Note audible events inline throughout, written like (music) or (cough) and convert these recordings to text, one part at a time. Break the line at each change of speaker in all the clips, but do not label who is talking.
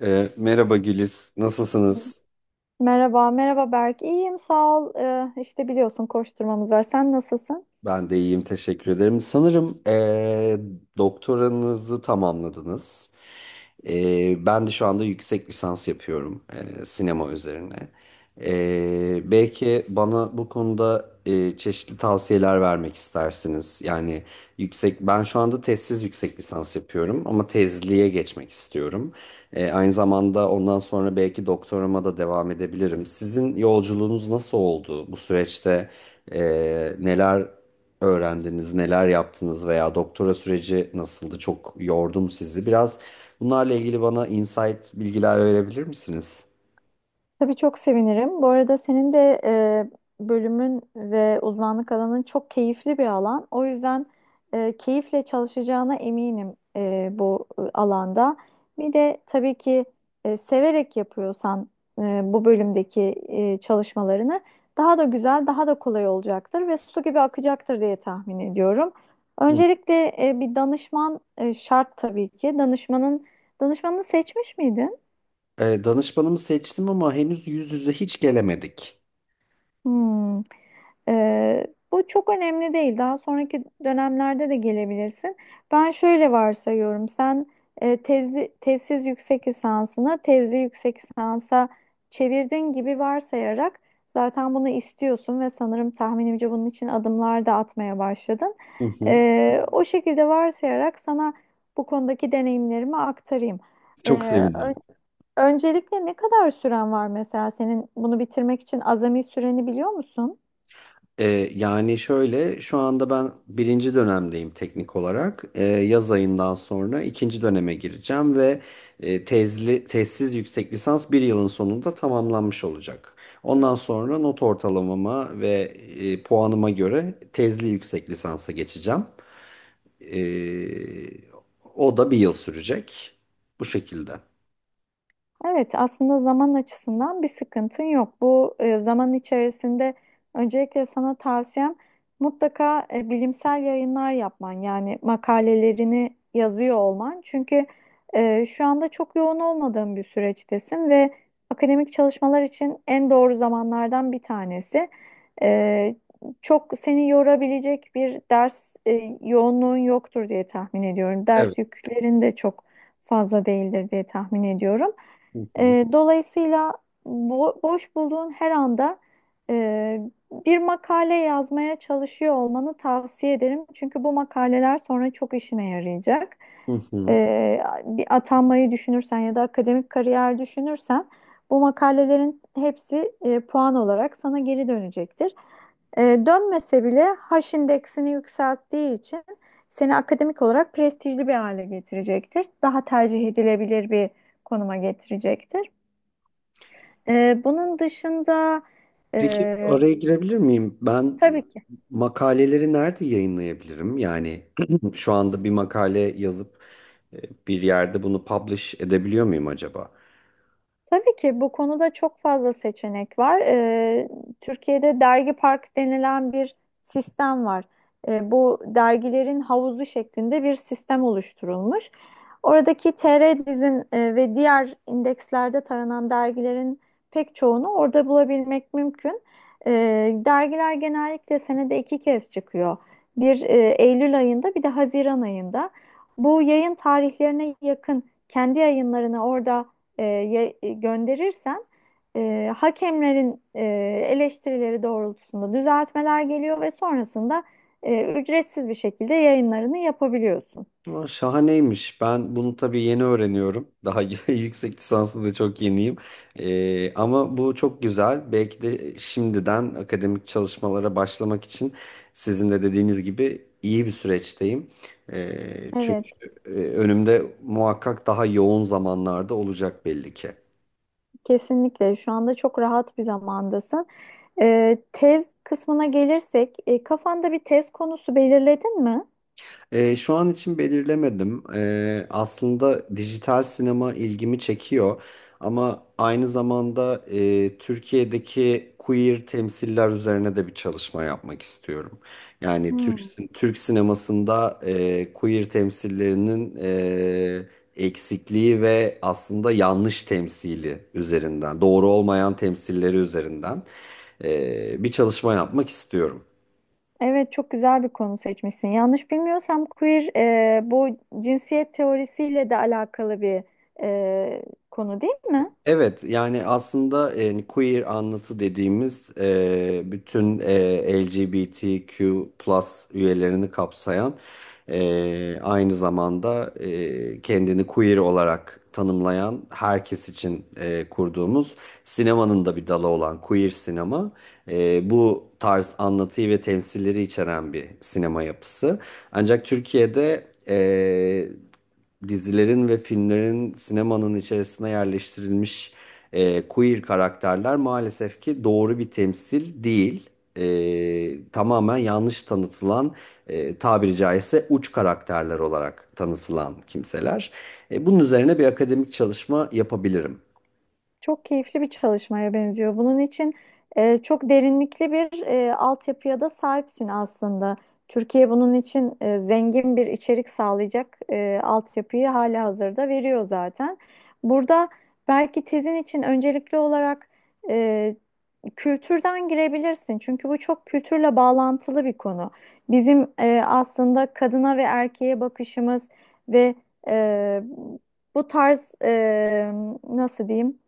Merhaba Güliz, nasılsınız?
Merhaba, merhaba Berk. İyiyim, sağ ol. İşte biliyorsun koşturmamız var. Sen nasılsın?
Ben de iyiyim, teşekkür ederim. Sanırım doktoranızı tamamladınız. Ben de şu anda yüksek lisans yapıyorum sinema üzerine. Belki bana bu konuda çeşitli tavsiyeler vermek istersiniz. Yani ben şu anda tezsiz yüksek lisans yapıyorum ama tezliğe geçmek istiyorum. Aynı zamanda ondan sonra belki doktorama da devam edebilirim. Sizin yolculuğunuz nasıl oldu? Bu süreçte e, neler öğrendiniz, neler yaptınız veya doktora süreci nasıldı? Çok yordum sizi. Biraz bunlarla ilgili bana insight bilgiler verebilir misiniz?
Tabii çok sevinirim. Bu arada senin de bölümün ve uzmanlık alanın çok keyifli bir alan. O yüzden keyifle çalışacağına eminim bu alanda. Bir de tabii ki severek yapıyorsan bu bölümdeki çalışmalarını daha da güzel, daha da kolay olacaktır ve su gibi akacaktır diye tahmin ediyorum. Öncelikle bir danışman şart tabii ki. Danışmanını seçmiş miydin?
Danışmanımı seçtim ama henüz yüz yüze hiç gelemedik.
Hmm. Ee, bu çok önemli değil. Daha sonraki dönemlerde de gelebilirsin. Ben şöyle varsayıyorum. Sen tezsiz yüksek lisansını tezli yüksek lisansa çevirdin gibi varsayarak zaten bunu istiyorsun ve sanırım tahminimce bunun için adımlar da atmaya başladın.
Hı hı.
O şekilde varsayarak sana bu konudaki deneyimlerimi aktarayım.
Çok
Ee,
sevinirim.
Öncelikle ne kadar süren var mesela senin bunu bitirmek için azami süreni biliyor musun?
E, Yani şöyle şu anda ben birinci dönemdeyim teknik olarak. Yaz ayından sonra ikinci döneme gireceğim ve tezli, tezsiz yüksek lisans bir yılın sonunda tamamlanmış olacak. Ondan sonra not ortalamama ve puanıma göre tezli yüksek lisansa geçeceğim. E, O da bir yıl sürecek. Bu şekilde.
Evet, aslında zaman açısından bir sıkıntın yok. Bu zaman içerisinde öncelikle sana tavsiyem mutlaka bilimsel yayınlar yapman yani makalelerini yazıyor olman. Çünkü şu anda çok yoğun olmadığın bir süreçtesin ve akademik çalışmalar için en doğru zamanlardan bir tanesi. E, Çok seni yorabilecek bir ders yoğunluğun yoktur diye tahmin ediyorum.
Evet.
Ders yüklerin de çok fazla değildir diye tahmin ediyorum.
Hı hı.
Dolayısıyla boş bulduğun her anda e, bir makale yazmaya çalışıyor olmanı tavsiye ederim. Çünkü bu makaleler sonra çok işine yarayacak.
Hı hı.
Bir atanmayı düşünürsen ya da akademik kariyer düşünürsen bu makalelerin hepsi puan olarak sana geri dönecektir. Dönmese bile H indeksini yükselttiği için seni akademik olarak prestijli bir hale getirecektir. Daha tercih edilebilir bir konuma getirecektir. Bunun dışında
Peki
e,
oraya girebilir miyim? Ben
tabii ki
makaleleri nerede yayınlayabilirim? Yani (clears throat) şu anda bir makale yazıp e, bir yerde bunu publish edebiliyor muyum acaba?
Tabii ki bu konuda çok fazla seçenek var. Türkiye'de dergi park denilen bir sistem var. Bu dergilerin havuzu şeklinde bir sistem oluşturulmuş. Oradaki TR-Diz'in ve diğer indekslerde taranan dergilerin pek çoğunu orada bulabilmek mümkün. Dergiler genellikle senede iki kez çıkıyor. Bir Eylül ayında bir de Haziran ayında. Bu yayın tarihlerine yakın kendi yayınlarını orada gönderirsen hakemlerin eleştirileri doğrultusunda düzeltmeler geliyor ve sonrasında ücretsiz bir şekilde yayınlarını yapabiliyorsun.
Aa, şahaneymiş. Ben bunu tabii yeni öğreniyorum. Daha (laughs) yüksek lisanslı da çok yeniyim. Ama bu çok güzel. Belki de şimdiden akademik çalışmalara başlamak için sizin de dediğiniz gibi iyi bir süreçteyim. Çünkü
Evet,
önümde muhakkak daha yoğun zamanlarda olacak belli ki.
kesinlikle. Şu anda çok rahat bir zamandasın. Tez kısmına gelirsek, kafanda bir tez konusu belirledin mi?
Şu an için belirlemedim. Aslında dijital sinema ilgimi çekiyor ama aynı zamanda Türkiye'deki queer temsiller üzerine de bir çalışma yapmak istiyorum. Yani
Hmm.
Türk sinemasında queer temsillerinin eksikliği ve aslında yanlış temsili üzerinden, doğru olmayan temsilleri üzerinden bir çalışma yapmak istiyorum.
Evet, çok güzel bir konu seçmişsin. Yanlış bilmiyorsam queer bu cinsiyet teorisiyle de alakalı bir e, konu değil mi?
Evet, yani aslında queer anlatı dediğimiz bütün LGBTQ üyelerini kapsayan, aynı zamanda kendini queer olarak tanımlayan herkes için kurduğumuz sinemanın da bir dalı olan queer sinema, bu tarz anlatıyı ve temsilleri içeren bir sinema yapısı. Ancak Türkiye'de dizilerin ve filmlerin sinemanın içerisine yerleştirilmiş queer karakterler maalesef ki doğru bir temsil değil. Tamamen yanlış tanıtılan, tabiri caizse uç karakterler olarak tanıtılan kimseler. Bunun üzerine bir akademik çalışma yapabilirim.
Çok keyifli bir çalışmaya benziyor. Bunun için çok derinlikli bir altyapıya da sahipsin aslında. Türkiye bunun için zengin bir içerik sağlayacak altyapıyı hala hazırda veriyor zaten. Burada belki tezin için öncelikli olarak e, kültürden girebilirsin. Çünkü bu çok kültürle bağlantılı bir konu. Bizim aslında kadına ve erkeğe bakışımız ve e, bu tarz nasıl diyeyim?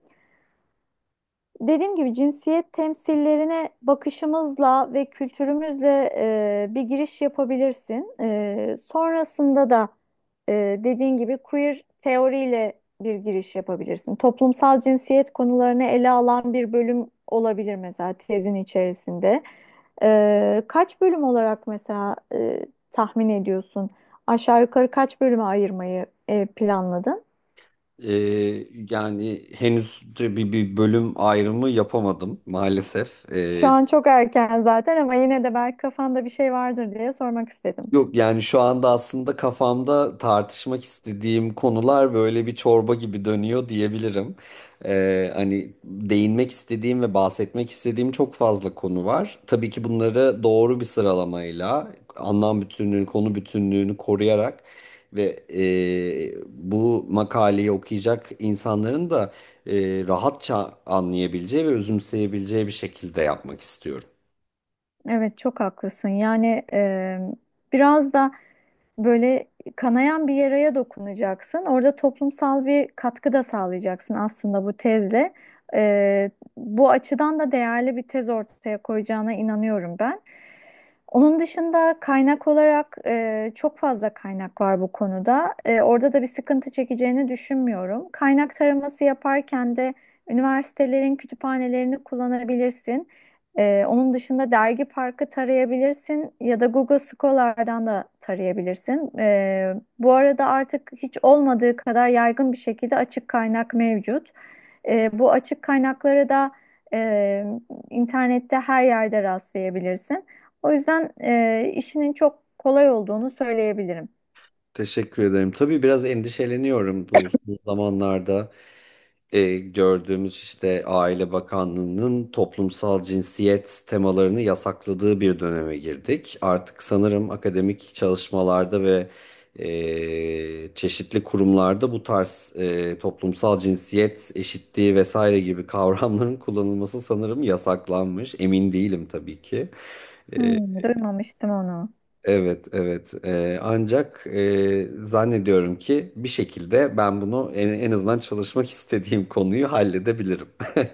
Dediğim gibi cinsiyet temsillerine bakışımızla ve kültürümüzle bir giriş yapabilirsin. Sonrasında da e, dediğin gibi queer teoriyle bir giriş yapabilirsin. Toplumsal cinsiyet konularını ele alan bir bölüm olabilir mesela tezin içerisinde. Kaç bölüm olarak mesela tahmin ediyorsun? Aşağı yukarı kaç bölüme ayırmayı planladın?
E, Yani henüz de bir bölüm ayrımı yapamadım maalesef.
Şu an çok erken zaten ama yine de belki kafanda bir şey vardır diye sormak istedim.
Yok, yani şu anda aslında kafamda tartışmak istediğim konular böyle bir çorba gibi dönüyor diyebilirim. Hani değinmek istediğim ve bahsetmek istediğim çok fazla konu var. Tabii ki bunları doğru bir sıralamayla, anlam bütünlüğünü, konu bütünlüğünü koruyarak ve bu makaleyi okuyacak insanların da e, rahatça anlayabileceği ve özümseyebileceği bir şekilde yapmak istiyorum.
Evet, çok haklısın. Yani biraz da böyle kanayan bir yaraya dokunacaksın. Orada toplumsal bir katkı da sağlayacaksın aslında bu tezle. Ee, bu açıdan da değerli bir tez ortaya koyacağına inanıyorum ben. Onun dışında kaynak olarak çok fazla kaynak var bu konuda. Orada da bir sıkıntı çekeceğini düşünmüyorum. Kaynak taraması yaparken de üniversitelerin kütüphanelerini kullanabilirsin. Onun dışında Dergi Park'ı tarayabilirsin ya da Google Scholar'dan da tarayabilirsin. Bu arada artık hiç olmadığı kadar yaygın bir şekilde açık kaynak mevcut. Bu açık kaynakları da e, internette her yerde rastlayabilirsin. O yüzden işinin çok kolay olduğunu söyleyebilirim.
Teşekkür ederim. Tabii biraz endişeleniyorum bu zamanlarda gördüğümüz işte Aile Bakanlığı'nın toplumsal cinsiyet temalarını yasakladığı bir döneme girdik. Artık sanırım akademik çalışmalarda ve çeşitli kurumlarda bu tarz toplumsal cinsiyet eşitliği vesaire gibi (laughs) kavramların kullanılması sanırım yasaklanmış. Emin değilim tabii ki.
Hmm, duymamıştım onu.
Evet, evet. Ancak zannediyorum ki bir şekilde ben bunu en azından çalışmak istediğim konuyu halledebilirim. (laughs)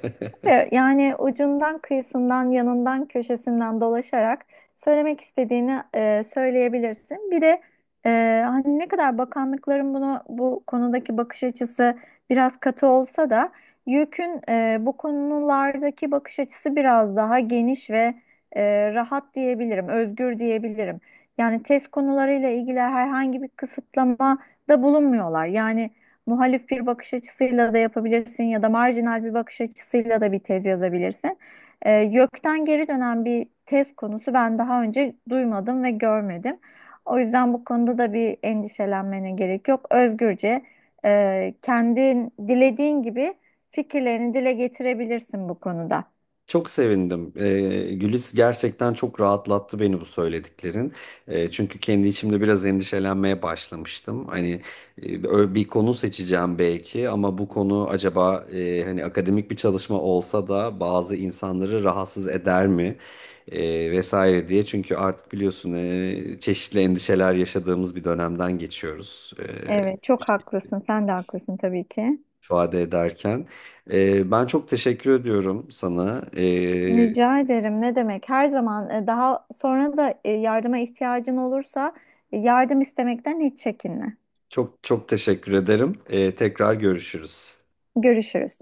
Ve yani ucundan, kıyısından, yanından, köşesinden dolaşarak söylemek istediğini söyleyebilirsin. Bir de hani ne kadar bakanlıkların bunu bu konudaki bakış açısı biraz katı olsa da YÖK'ün bu konulardaki bakış açısı biraz daha geniş ve rahat diyebilirim, özgür diyebilirim. Yani test konularıyla ilgili herhangi bir kısıtlama da bulunmuyorlar. Yani muhalif bir bakış açısıyla da yapabilirsin ya da marjinal bir bakış açısıyla da bir tez yazabilirsin. Gökten geri dönen bir tez konusu ben daha önce duymadım ve görmedim. O yüzden bu konuda da bir endişelenmene gerek yok. Özgürce kendin dilediğin gibi fikirlerini dile getirebilirsin bu konuda.
Çok sevindim. Gülis gerçekten çok rahatlattı beni bu söylediklerin. Çünkü kendi içimde biraz endişelenmeye başlamıştım. Hani bir konu seçeceğim belki ama bu konu acaba, hani akademik bir çalışma olsa da bazı insanları rahatsız eder mi? Vesaire diye. Çünkü artık biliyorsun çeşitli endişeler yaşadığımız bir dönemden geçiyoruz.
Evet, çok haklısın. Sen de haklısın tabii ki.
İfade ederken. Ben çok teşekkür ediyorum sana.
Rica ederim. Ne demek? Her zaman daha sonra da yardıma ihtiyacın olursa yardım istemekten hiç çekinme.
Çok çok teşekkür ederim. Tekrar görüşürüz.
Görüşürüz.